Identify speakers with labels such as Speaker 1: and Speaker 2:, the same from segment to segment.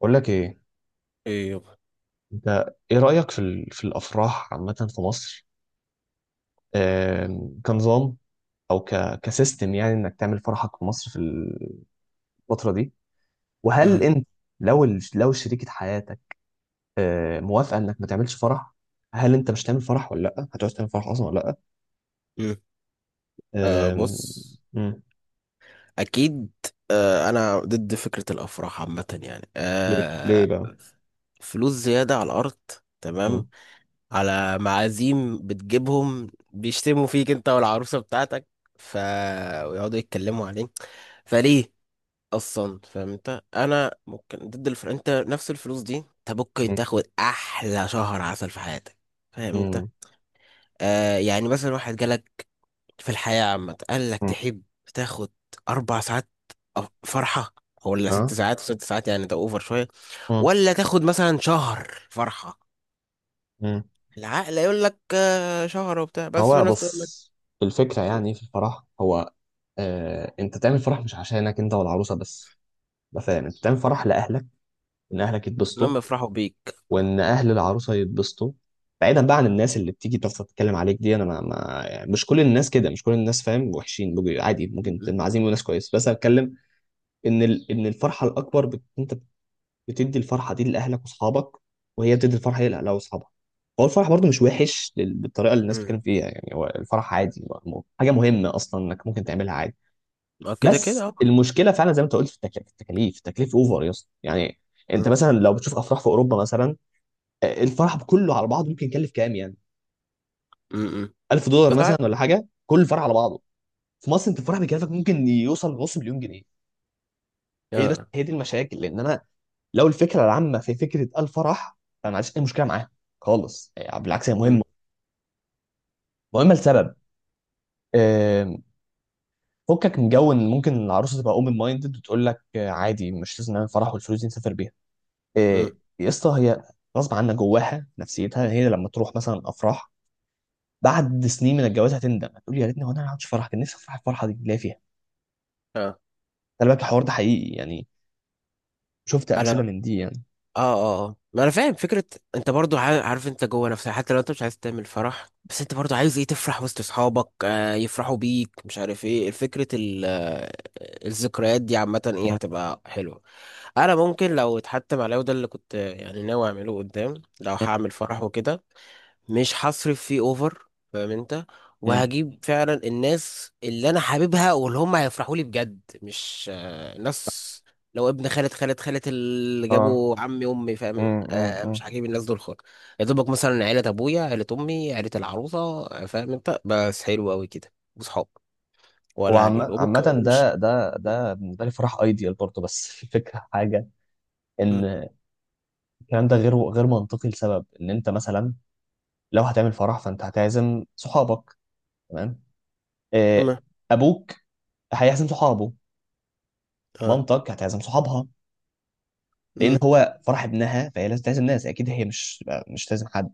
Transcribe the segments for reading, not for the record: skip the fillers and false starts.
Speaker 1: بقول لك ايه.
Speaker 2: ايه يابا.
Speaker 1: انت، ايه رأيك في في الافراح عامة في مصر؟ كنظام او كسيستم، يعني انك تعمل فرحك في مصر في الفترة دي. وهل
Speaker 2: مم.
Speaker 1: انت لو لو شريكة حياتك موافقة انك ما تعملش فرح، هل انت مش هتعمل فرح ولا لا هتعوز تعمل فرح اصلا ولا لا؟
Speaker 2: مم. آه
Speaker 1: آم،
Speaker 2: بص،
Speaker 1: مم.
Speaker 2: اكيد. آه انا ضد فكرة الافراح عامة، يعني
Speaker 1: ليه؟ ليه
Speaker 2: آه
Speaker 1: بقى؟
Speaker 2: فلوس زيادة على الارض،
Speaker 1: مم.
Speaker 2: تمام، على معازيم بتجيبهم بيشتموا فيك انت والعروسة بتاعتك، ف ويقعدوا يتكلموا عليه، فليه اصلا؟ فاهم انت؟ انا ممكن ضد الفر... انت نفس الفلوس دي انت ممكن
Speaker 1: مم.
Speaker 2: تاخد احلى شهر عسل في حياتك. فاهم انت؟
Speaker 1: مم.
Speaker 2: آه يعني مثلا واحد جالك في الحياة عامة قال لك،
Speaker 1: مم.
Speaker 2: تحب تاخد أربع ساعات فرحة ولا ست
Speaker 1: ها.
Speaker 2: ساعات؟ وست ساعات يعني ده أوفر شوية. ولا تاخد مثلا شهر فرحة؟
Speaker 1: مم.
Speaker 2: العقل يقول لك آه، شهر وبتاع، بس في
Speaker 1: هو
Speaker 2: ناس تقول لك
Speaker 1: بص، الفكرة يعني في الفرح هو، آه، انت تعمل فرح مش عشانك انت والعروسة بس. مثلا انت تعمل فرح لأهلك، ان أهلك يتبسطوا،
Speaker 2: لما يفرحوا بيك
Speaker 1: وان أهل العروسة يتبسطوا. بعيدا بقى عن الناس اللي بتيجي تفضل تتكلم عليك دي، انا ما يعني مش كل الناس كده، مش كل الناس فاهم وحشين، بيبقوا عادي، ممكن
Speaker 2: م-
Speaker 1: المعازيم وناس كويس. بس أنا بتكلم ان ان الفرحة الأكبر انت بتدي الفرحه دي لاهلك واصحابك، وهي بتدي الفرحه دي لاهلها واصحابها. هو الفرح برضو مش وحش بالطريقه اللي الناس
Speaker 2: م-
Speaker 1: بتتكلم فيها، يعني هو الفرح عادي، هو حاجه مهمه اصلا انك ممكن تعملها عادي.
Speaker 2: م. كده كده
Speaker 1: بس
Speaker 2: أهو.
Speaker 1: المشكله فعلا زي ما انت قلت في التكاليف، تكليف اوفر يا اسطى يعني. انت
Speaker 2: م-
Speaker 1: مثلا لو بتشوف افراح في اوروبا مثلا، الفرح كله على بعضه ممكن يكلف كام يعني؟
Speaker 2: م- م.
Speaker 1: 1000 دولار
Speaker 2: بس
Speaker 1: مثلا
Speaker 2: عارف-
Speaker 1: ولا حاجه، كل الفرح على بعضه. في مصر انت الفرح بيكلفك ممكن يوصل لنص مليون جنيه. هي دي، بس
Speaker 2: آه.
Speaker 1: هي دي المشاكل. لان انا لو الفكره العامه في فكره الفرح، فما عنديش اي مشكله معاها خالص. بالعكس، هي
Speaker 2: م-
Speaker 1: مهمه، مهمه لسبب، آه، فكك من جو ان ممكن العروسه تبقى اوبن مايندد وتقول لك عادي مش لازم نعمل فرح والفلوس دي نسافر بيها. آه،
Speaker 2: م.
Speaker 1: يا اسطى هي غصب عنها جواها نفسيتها، هي لما تروح مثلا افراح بعد سنين من الجواز هتندم، هتقول يا ريتني، هو انا ما عملتش فرح، كان نفسي افرح الفرحه دي اللي هي فيها.
Speaker 2: آه.
Speaker 1: خلي بالك الحوار ده حقيقي يعني، شفت
Speaker 2: أنا
Speaker 1: امثله من دي يعني.
Speaker 2: اه آه، ما انا فاهم فكره. انت برضو عارف انت جوه نفسك، حتى لو انت مش عايز تعمل فرح بس انت برضو عايز ايه تفرح وسط اصحابك، آه يفرحوا بيك، مش عارف ايه، فكره ال- آه، الذكريات دي عامه ايه
Speaker 1: مم.
Speaker 2: هتبقى حلوه. انا ممكن لو اتحتم عليا وده اللي كنت آه، يعني ناوي اعمله قدام، لو هعمل فرح وكده مش هصرف فيه اوفر. فاهم انت؟
Speaker 1: مم.
Speaker 2: وهجيب فعلا الناس اللي انا حاببها واللي هم هيفرحوا لي بجد، مش آه، ناس لو ابن خالد اللي
Speaker 1: اه.
Speaker 2: جابوا عمي امي، فاهم
Speaker 1: مم.
Speaker 2: آه، مش
Speaker 1: مم.
Speaker 2: هجيب الناس دول خالص. يا دوبك مثلا عيلة ابويا، عيلة امي، عيلة العروسة، آه، فاهم انت؟ بس حلو قوي كده، وصحاب.
Speaker 1: هو
Speaker 2: ولا هجيب
Speaker 1: عامة
Speaker 2: وممكن ومش،
Speaker 1: ده بالنسبة لي فرح ايديال برضه، بس الفكرة حاجة
Speaker 2: مم،
Speaker 1: ان الكلام ده غير منطقي. لسبب ان انت مثلا لو هتعمل فرح فانت هتعزم صحابك، تمام؟ آه،
Speaker 2: تمام،
Speaker 1: ابوك هيعزم صحابه،
Speaker 2: اه،
Speaker 1: مامتك هتعزم صحابها، لان
Speaker 2: مم.
Speaker 1: هو فرح ابنها فهي لازم تعزم ناس اكيد، هي مش تعزم حد.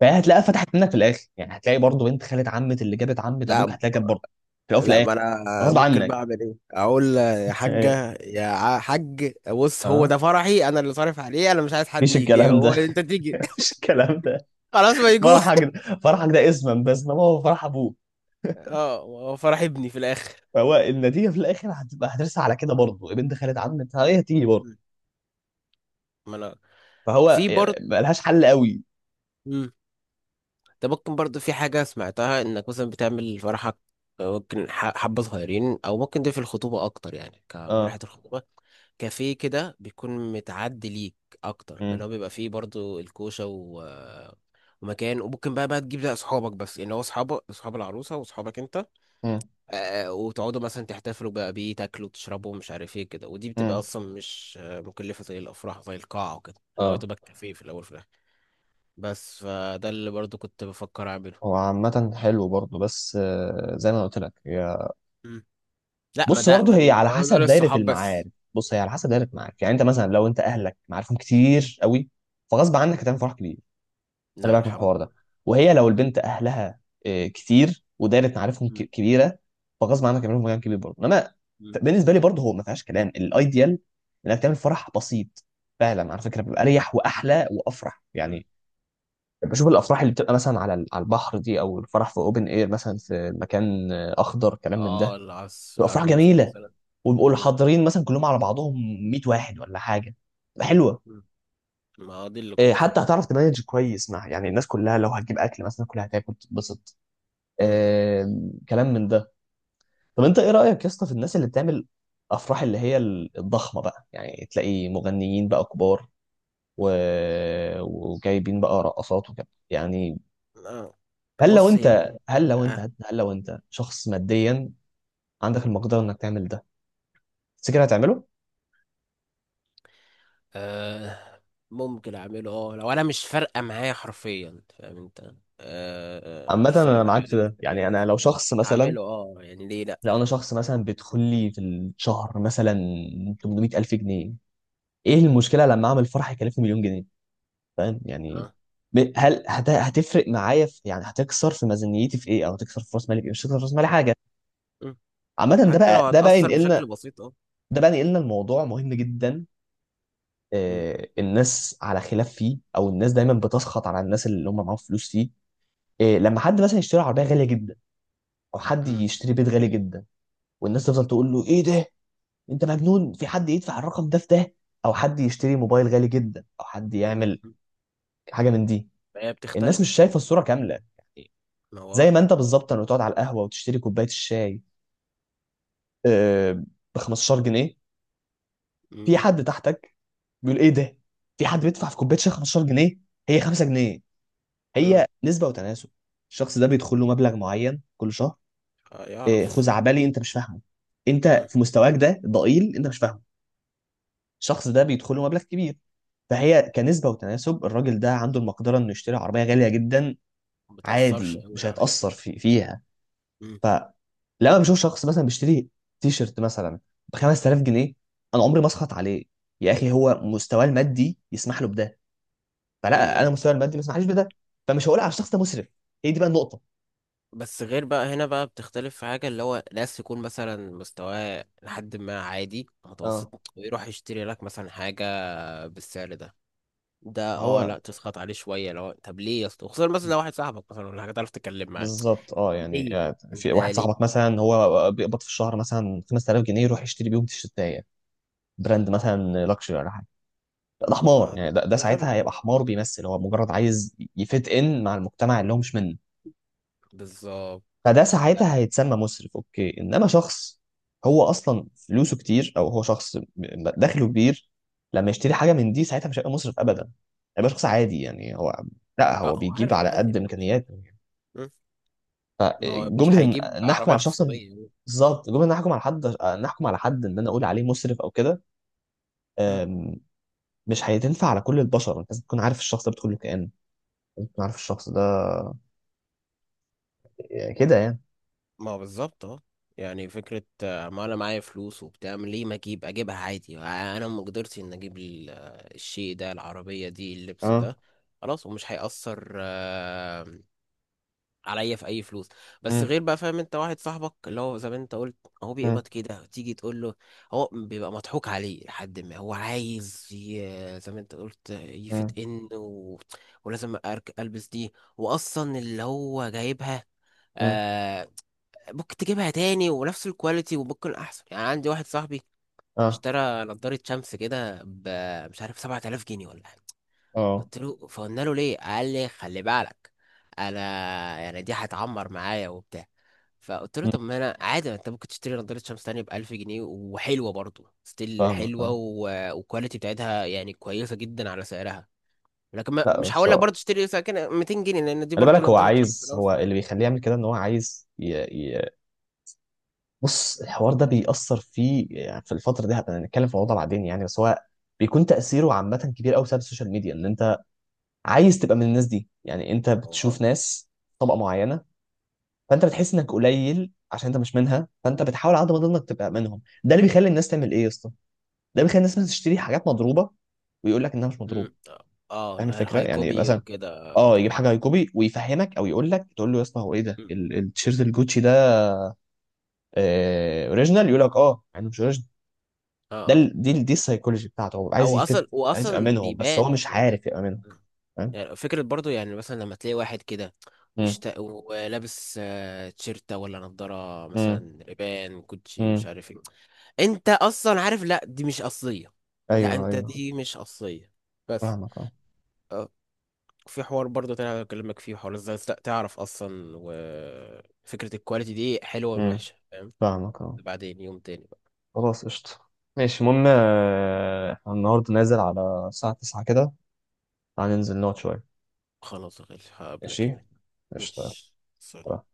Speaker 1: فهتلاقيها فتحت منك في الاخر، يعني هتلاقي برضه بنت خالة عمة اللي جابت عمة ابوك
Speaker 2: لا،
Speaker 1: هتلاقي جاب برضه، في الاول وفي
Speaker 2: لا
Speaker 1: الاخر.
Speaker 2: ما انا
Speaker 1: غصب
Speaker 2: ممكن بقى
Speaker 1: عنك.
Speaker 2: اعمل ايه، اقول يا حاجه يا ع- حاج، بص هو
Speaker 1: اه.
Speaker 2: ده فرحي انا اللي صارف عليه، انا مش عايز حد
Speaker 1: مفيش
Speaker 2: يجي.
Speaker 1: الكلام
Speaker 2: هو
Speaker 1: ده.
Speaker 2: انت تيجي؟
Speaker 1: مفيش الكلام ده.
Speaker 2: خلاص ما يجوش.
Speaker 1: فرحك ده، فرحك ده اسما بس، انما هو فرح ابوه.
Speaker 2: اه هو فرح ابني في الاخر.
Speaker 1: فهو النتيجه في الاخر هتبقى، هترسى على كده برضه، بنت خالد عمت هي هتيجي برضه.
Speaker 2: ما انا
Speaker 1: فهو
Speaker 2: في برضه.
Speaker 1: يعني ملهاش حل قوي.
Speaker 2: ده ممكن برضو في حاجة سمعتها، انك مثلا بتعمل فرحك ممكن حبة صغيرين، او ممكن ده في الخطوبة اكتر يعني، كفرحة
Speaker 1: اه.
Speaker 2: الخطوبة كافيه كده، بيكون متعدي ليك اكتر،
Speaker 1: امم.
Speaker 2: اللي هو بيبقى فيه برضو الكوشة و... ومكان، وممكن بقى تجيب بقى اصحابك بس يعني، هو اصحابك، اصحاب العروسة واصحابك انت،
Speaker 1: امم.
Speaker 2: آه، وتقعدوا مثلا تحتفلوا بقى بيه، تاكلوا تشربوا مش عارف ايه كده، ودي بتبقى
Speaker 1: امم.
Speaker 2: اصلا مش آه، مكلفة زي الافراح، زي القاعة وكده، اللي هو
Speaker 1: اه.
Speaker 2: تبقى كافيه في الاول في الاخر. بس فده اللي برضو كنت بفكر اعمله.
Speaker 1: هو عامة حلو برضه، بس زي ما أنا قلت لك، هي
Speaker 2: لا ما
Speaker 1: بص
Speaker 2: ده
Speaker 1: برضه هي
Speaker 2: ال-
Speaker 1: على
Speaker 2: لو ده
Speaker 1: حسب دايرة
Speaker 2: للصحاب
Speaker 1: المعارف.
Speaker 2: بس.
Speaker 1: بص هي على حسب دايرة المعارف، يعني انت مثلا لو انت اهلك معارفهم كتير قوي فغصب عنك هتعمل فرح كبير. انا
Speaker 2: لا
Speaker 1: معاك من
Speaker 2: الحمد
Speaker 1: الحوار
Speaker 2: لله.
Speaker 1: ده. وهي لو البنت اهلها كتير ودايره معارفهم
Speaker 2: مم.
Speaker 1: كبيره، فغصب عنك يعملوا مكان كبير برضه. انما
Speaker 2: مم.
Speaker 1: بالنسبه لي برضه هو ما فيهاش كلام، الايديال انك تعمل فرح بسيط فعلا، على فكره بيبقى اريح واحلى وافرح
Speaker 2: مم.
Speaker 1: يعني. بشوف الافراح اللي بتبقى مثلا على على البحر دي، او الفرح في اوبن اير مثلا في مكان اخضر، كلام من ده،
Speaker 2: اه العس
Speaker 1: بتبقى افراح
Speaker 2: الروف
Speaker 1: جميله،
Speaker 2: مثلا.
Speaker 1: ويبقوا
Speaker 2: جميل.
Speaker 1: حاضرين مثلا كلهم على بعضهم 100 واحد ولا حاجه، بتبقى حلوه.
Speaker 2: مم. ما هو دي اللي كنت
Speaker 1: حتى
Speaker 2: افكر.
Speaker 1: هتعرف تمانج كويس مع يعني الناس كلها، لو هتجيب اكل مثلا كلها هتاكل تتبسط،
Speaker 2: مم.
Speaker 1: كلام من ده. طب انت ايه رأيك يا اسطى في الناس اللي بتعمل افراح اللي هي الضخمة بقى، يعني تلاقي مغنيين بقى كبار و... وجايبين بقى رقصات وكده يعني.
Speaker 2: آه.
Speaker 1: هل لو
Speaker 2: بص هي
Speaker 1: انت هل لو انت
Speaker 2: آه.
Speaker 1: هل لو انت شخص ماديا عندك المقدرة انك تعمل ده، تفتكر هتعمله؟
Speaker 2: آه. ممكن اعمله، اه لو انا مش فارقه معايا حرفيا، فاهم انت؟ آه. آه،
Speaker 1: عامة
Speaker 2: مش فارقه
Speaker 1: انا معاك
Speaker 2: معايا
Speaker 1: في ده، يعني انا
Speaker 2: التكاليف.
Speaker 1: لو شخص مثلا،
Speaker 2: هعمله اه، يعني ليه لا؟
Speaker 1: لو انا شخص مثلا بيدخل لي في الشهر مثلا 800 الف جنيه، ايه المشكلة لما اعمل فرح يكلفني مليون جنيه؟ فاهم يعني؟
Speaker 2: آه.
Speaker 1: هتفرق معايا في، يعني هتكسر في ميزانيتي في ايه، او هتكسر في راس مالي في ايه؟ مش هتكسر في راس مالي حاجه.
Speaker 2: مم.
Speaker 1: عامه ده
Speaker 2: حتى لو
Speaker 1: بقى ده بقى
Speaker 2: هتأثر
Speaker 1: ينقلنا،
Speaker 2: بشكل بسيط اه.
Speaker 1: ده بقى ينقلنا الموضوع مهم جدا.
Speaker 2: مم.
Speaker 1: الناس على خلاف فيه، او الناس دايما بتسخط على الناس اللي هم معاهم فلوس فيه. لما حد مثلا يشتري عربيه غاليه جدا، او حد
Speaker 2: مم.
Speaker 1: يشتري بيت غالي جدا، والناس تفضل تقول له ايه ده، انت مجنون، في حد يدفع الرقم ده في ده؟ او حد يشتري موبايل غالي جدا، او حد يعمل
Speaker 2: مم.
Speaker 1: حاجه من دي.
Speaker 2: فهي
Speaker 1: الناس مش
Speaker 2: بتختلف.
Speaker 1: شايفه الصوره كامله.
Speaker 2: ما هو
Speaker 1: زي
Speaker 2: آه.
Speaker 1: ما انت بالظبط لما تقعد على القهوه وتشتري كوبايه الشاي ب 15 جنيه،
Speaker 2: مم.
Speaker 1: في حد تحتك بيقول ايه ده؟ في حد بيدفع في كوبايه شاي 15 جنيه؟ هي 5 جنيه.
Speaker 2: مم.
Speaker 1: هي نسبه وتناسب. الشخص ده بيدخل له مبلغ معين كل شهر.
Speaker 2: آه، يعرف.
Speaker 1: خزعبلي انت مش فاهمه، انت
Speaker 2: مم.
Speaker 1: في مستواك ده ضئيل انت مش فاهمه. الشخص ده بيدخل له مبلغ كبير، فهي كنسبه وتناسب الراجل ده عنده المقدره انه يشتري عربيه غاليه جدا
Speaker 2: ما بتأثرش
Speaker 1: عادي، مش
Speaker 2: قوي عليه.
Speaker 1: هيتاثر فيها.
Speaker 2: مم.
Speaker 1: فلما بشوف شخص مثلا بيشتري تي شيرت مثلا ب 5000 جنيه، انا عمري ما اسخط عليه. يا اخي هو مستواه المادي يسمح له بده، فلا، انا
Speaker 2: امم.
Speaker 1: مستواي المادي ما يسمحليش بده، فمش هقول على الشخص ده مسرف. هي دي بقى النقطه.
Speaker 2: بس غير بقى هنا بقى بتختلف في حاجة، اللي هو ناس يكون مثلا مستواه لحد ما عادي
Speaker 1: اه،
Speaker 2: متوسط، ويروح يشتري لك مثلا حاجة بالسعر ده، ده
Speaker 1: ما
Speaker 2: اه
Speaker 1: هو
Speaker 2: لا تسخط عليه شوية. لو طب ليه يا اسطى، خصوصا مثلا لو واحد صاحبك مثلا ولا حاجة تعرف تتكلم معاه.
Speaker 1: بالظبط اه. يعني
Speaker 2: ليه
Speaker 1: يعني في
Speaker 2: انت
Speaker 1: واحد
Speaker 2: ليه؟
Speaker 1: صاحبك مثلا هو بيقبض في الشهر مثلا 5000 جنيه، يروح يشتري بيهم تيشيرتايه براند مثلا لكشري ولا حاجه، ده
Speaker 2: آه،
Speaker 1: حمار
Speaker 2: ما
Speaker 1: يعني.
Speaker 2: ده
Speaker 1: ده
Speaker 2: ده غبي.
Speaker 1: ساعتها هيبقى حمار، بيمثل، هو مجرد عايز يفيت ان مع المجتمع اللي هو مش منه.
Speaker 2: بالظبط.
Speaker 1: فده
Speaker 2: لا،
Speaker 1: ساعتها هيتسمى مسرف اوكي. انما شخص هو اصلا فلوسه كتير، او هو دخله كبير، لما يشتري حاجه من دي ساعتها مش هيبقى مسرف ابدا، هيبقى شخص عادي، يعني هو، لا هو
Speaker 2: اه
Speaker 1: بيجيب
Speaker 2: عارف،
Speaker 1: على
Speaker 2: عادي،
Speaker 1: قد
Speaker 2: ماشي.
Speaker 1: امكانياته.
Speaker 2: مم. ما هو مش
Speaker 1: فجمله
Speaker 2: هيجيب
Speaker 1: ان نحكم
Speaker 2: عربية
Speaker 1: على شخص،
Speaker 2: اقتصادية.
Speaker 1: بالظبط، جمله ان نحكم على حد، نحكم على حد ان انا اقول عليه مسرف او كده،
Speaker 2: مم.
Speaker 1: أم، مش هتنفع على كل البشر. انت لازم تكون عارف الشخص ده بتقول له كائن، لازم تكون عارف الشخص ده كده يعني.
Speaker 2: ما هو بالظبط اه. يعني فكرة آه، ما انا معايا فلوس وبتاع، ليه ما اجيبها عادي، آه، انا مقدرتي ان اجيب ال- آه، الشيء ده، العربية دي، اللبس
Speaker 1: اه.
Speaker 2: ده، خلاص، ومش هيأثر آه، عليا في اي فلوس. بس
Speaker 1: امم.
Speaker 2: غير بقى، فاهم انت؟ واحد صاحبك اللي هو زي ما انت قلت، هو
Speaker 1: امم.
Speaker 2: بيقبض كده، تيجي تقول له، هو بيبقى مضحوك عليه، لحد ما هو عايز ي- زي ما انت قلت
Speaker 1: امم.
Speaker 2: يفت ان و... ولازم أرك- البس دي، واصلا اللي هو جايبها
Speaker 1: امم.
Speaker 2: آه، ممكن تجيبها تاني ونفس الكواليتي وممكن احسن. يعني عندي واحد صاحبي
Speaker 1: اه.
Speaker 2: اشترى نضارة شمس كده ب، مش عارف، 7000 جنيه ولا حاجة،
Speaker 1: اه.
Speaker 2: قلت له فقلنا له ليه، قال لي خلي بالك انا، يعني دي هتعمر معايا وبتاع، فقلت له طب ما انا عادي، ما انت ممكن تشتري نضارة شمس تانية ب 1000 جنيه وحلوة برضه، ستيل
Speaker 1: فاهمك
Speaker 2: حلوة
Speaker 1: اه.
Speaker 2: و... والكواليتي بتاعتها يعني كويسة جدا على سعرها. لكن ما...
Speaker 1: لا
Speaker 2: مش
Speaker 1: بس
Speaker 2: هقول لك
Speaker 1: هو،
Speaker 2: برضه تشتري ساكن 200 جنيه، لان دي
Speaker 1: خلي
Speaker 2: برضه
Speaker 1: بالك، هو
Speaker 2: نضارة شمس في
Speaker 1: عايز،
Speaker 2: الاول
Speaker 1: هو اللي
Speaker 2: وفي
Speaker 1: بيخليه يعمل كده ان هو عايز ي... بص الحوار ده بيأثر فيه يعني. في الفترة دي هبقى نتكلم في موضوع بعدين يعني، بس هو بيكون تأثيره عامة كبير قوي بسبب السوشيال ميديا، ان انت عايز تبقى من الناس دي. يعني انت
Speaker 2: الاخر.
Speaker 1: بتشوف ناس طبقة معينة، فانت بتحس انك قليل عشان انت مش منها، فانت بتحاول على قد ما تقدر انك تبقى منهم. ده اللي بيخلي الناس تعمل ايه يا اسطى، ده بيخلي الناس مثلاً تشتري حاجات مضروبة ويقول لك انها مش مضروبه.
Speaker 2: مم. اه
Speaker 1: فاهم
Speaker 2: لا،
Speaker 1: الفكره؟
Speaker 2: الهاي
Speaker 1: يعني
Speaker 2: كوبي
Speaker 1: مثلا
Speaker 2: وكده
Speaker 1: اه يجيب
Speaker 2: بتاع.
Speaker 1: حاجه هاي كوبي ويفهمك، او يقول لك، تقول له يا اسطى هو ايه ده
Speaker 2: مم.
Speaker 1: التيشيرت الجوتشي ده آه اوريجينال؟ يقول لك اه، يعني مش اوريجينال.
Speaker 2: اه
Speaker 1: ده
Speaker 2: اه
Speaker 1: ال- دي ال- دي السايكولوجي بتاعته، هو عايز
Speaker 2: او
Speaker 1: يفت،
Speaker 2: اصلا
Speaker 1: عايز
Speaker 2: واصلا
Speaker 1: يامنهم بس
Speaker 2: بيبان
Speaker 1: هو مش
Speaker 2: يعني.
Speaker 1: عارف يامنهم. فاهم؟
Speaker 2: يعني فكرة برضو، يعني مثلا لما تلاقي واحد كده
Speaker 1: امم.
Speaker 2: وشت... ولابس آه، تيشيرتة ولا نضارة
Speaker 1: امم.
Speaker 2: مثلا ريبان كوتشي مش
Speaker 1: امم.
Speaker 2: عارف ايه، انت اصلا عارف لا دي مش اصلية. لا
Speaker 1: ايوه
Speaker 2: انت
Speaker 1: ايوه.
Speaker 2: دي مش اصلية بس
Speaker 1: فاهمك اه.
Speaker 2: آه، في حوار برضو تاني انا بكلمك فيه، حوار ازاي لا تعرف اصلا وفكرة الكواليتي دي حلوة من
Speaker 1: امم.
Speaker 2: وحشة، فاهم؟
Speaker 1: فاهمك اه.
Speaker 2: بعدين يوم تاني.
Speaker 1: خلاص قشطه، ماشي. المهم احنا النهارده نازل على الساعه 9 كده، هننزل نقعد شويه.
Speaker 2: خلاص يا غالي هقابلك
Speaker 1: ماشي.
Speaker 2: هناك.
Speaker 1: قشطه.
Speaker 2: ماشي،
Speaker 1: يلا.
Speaker 2: سلام.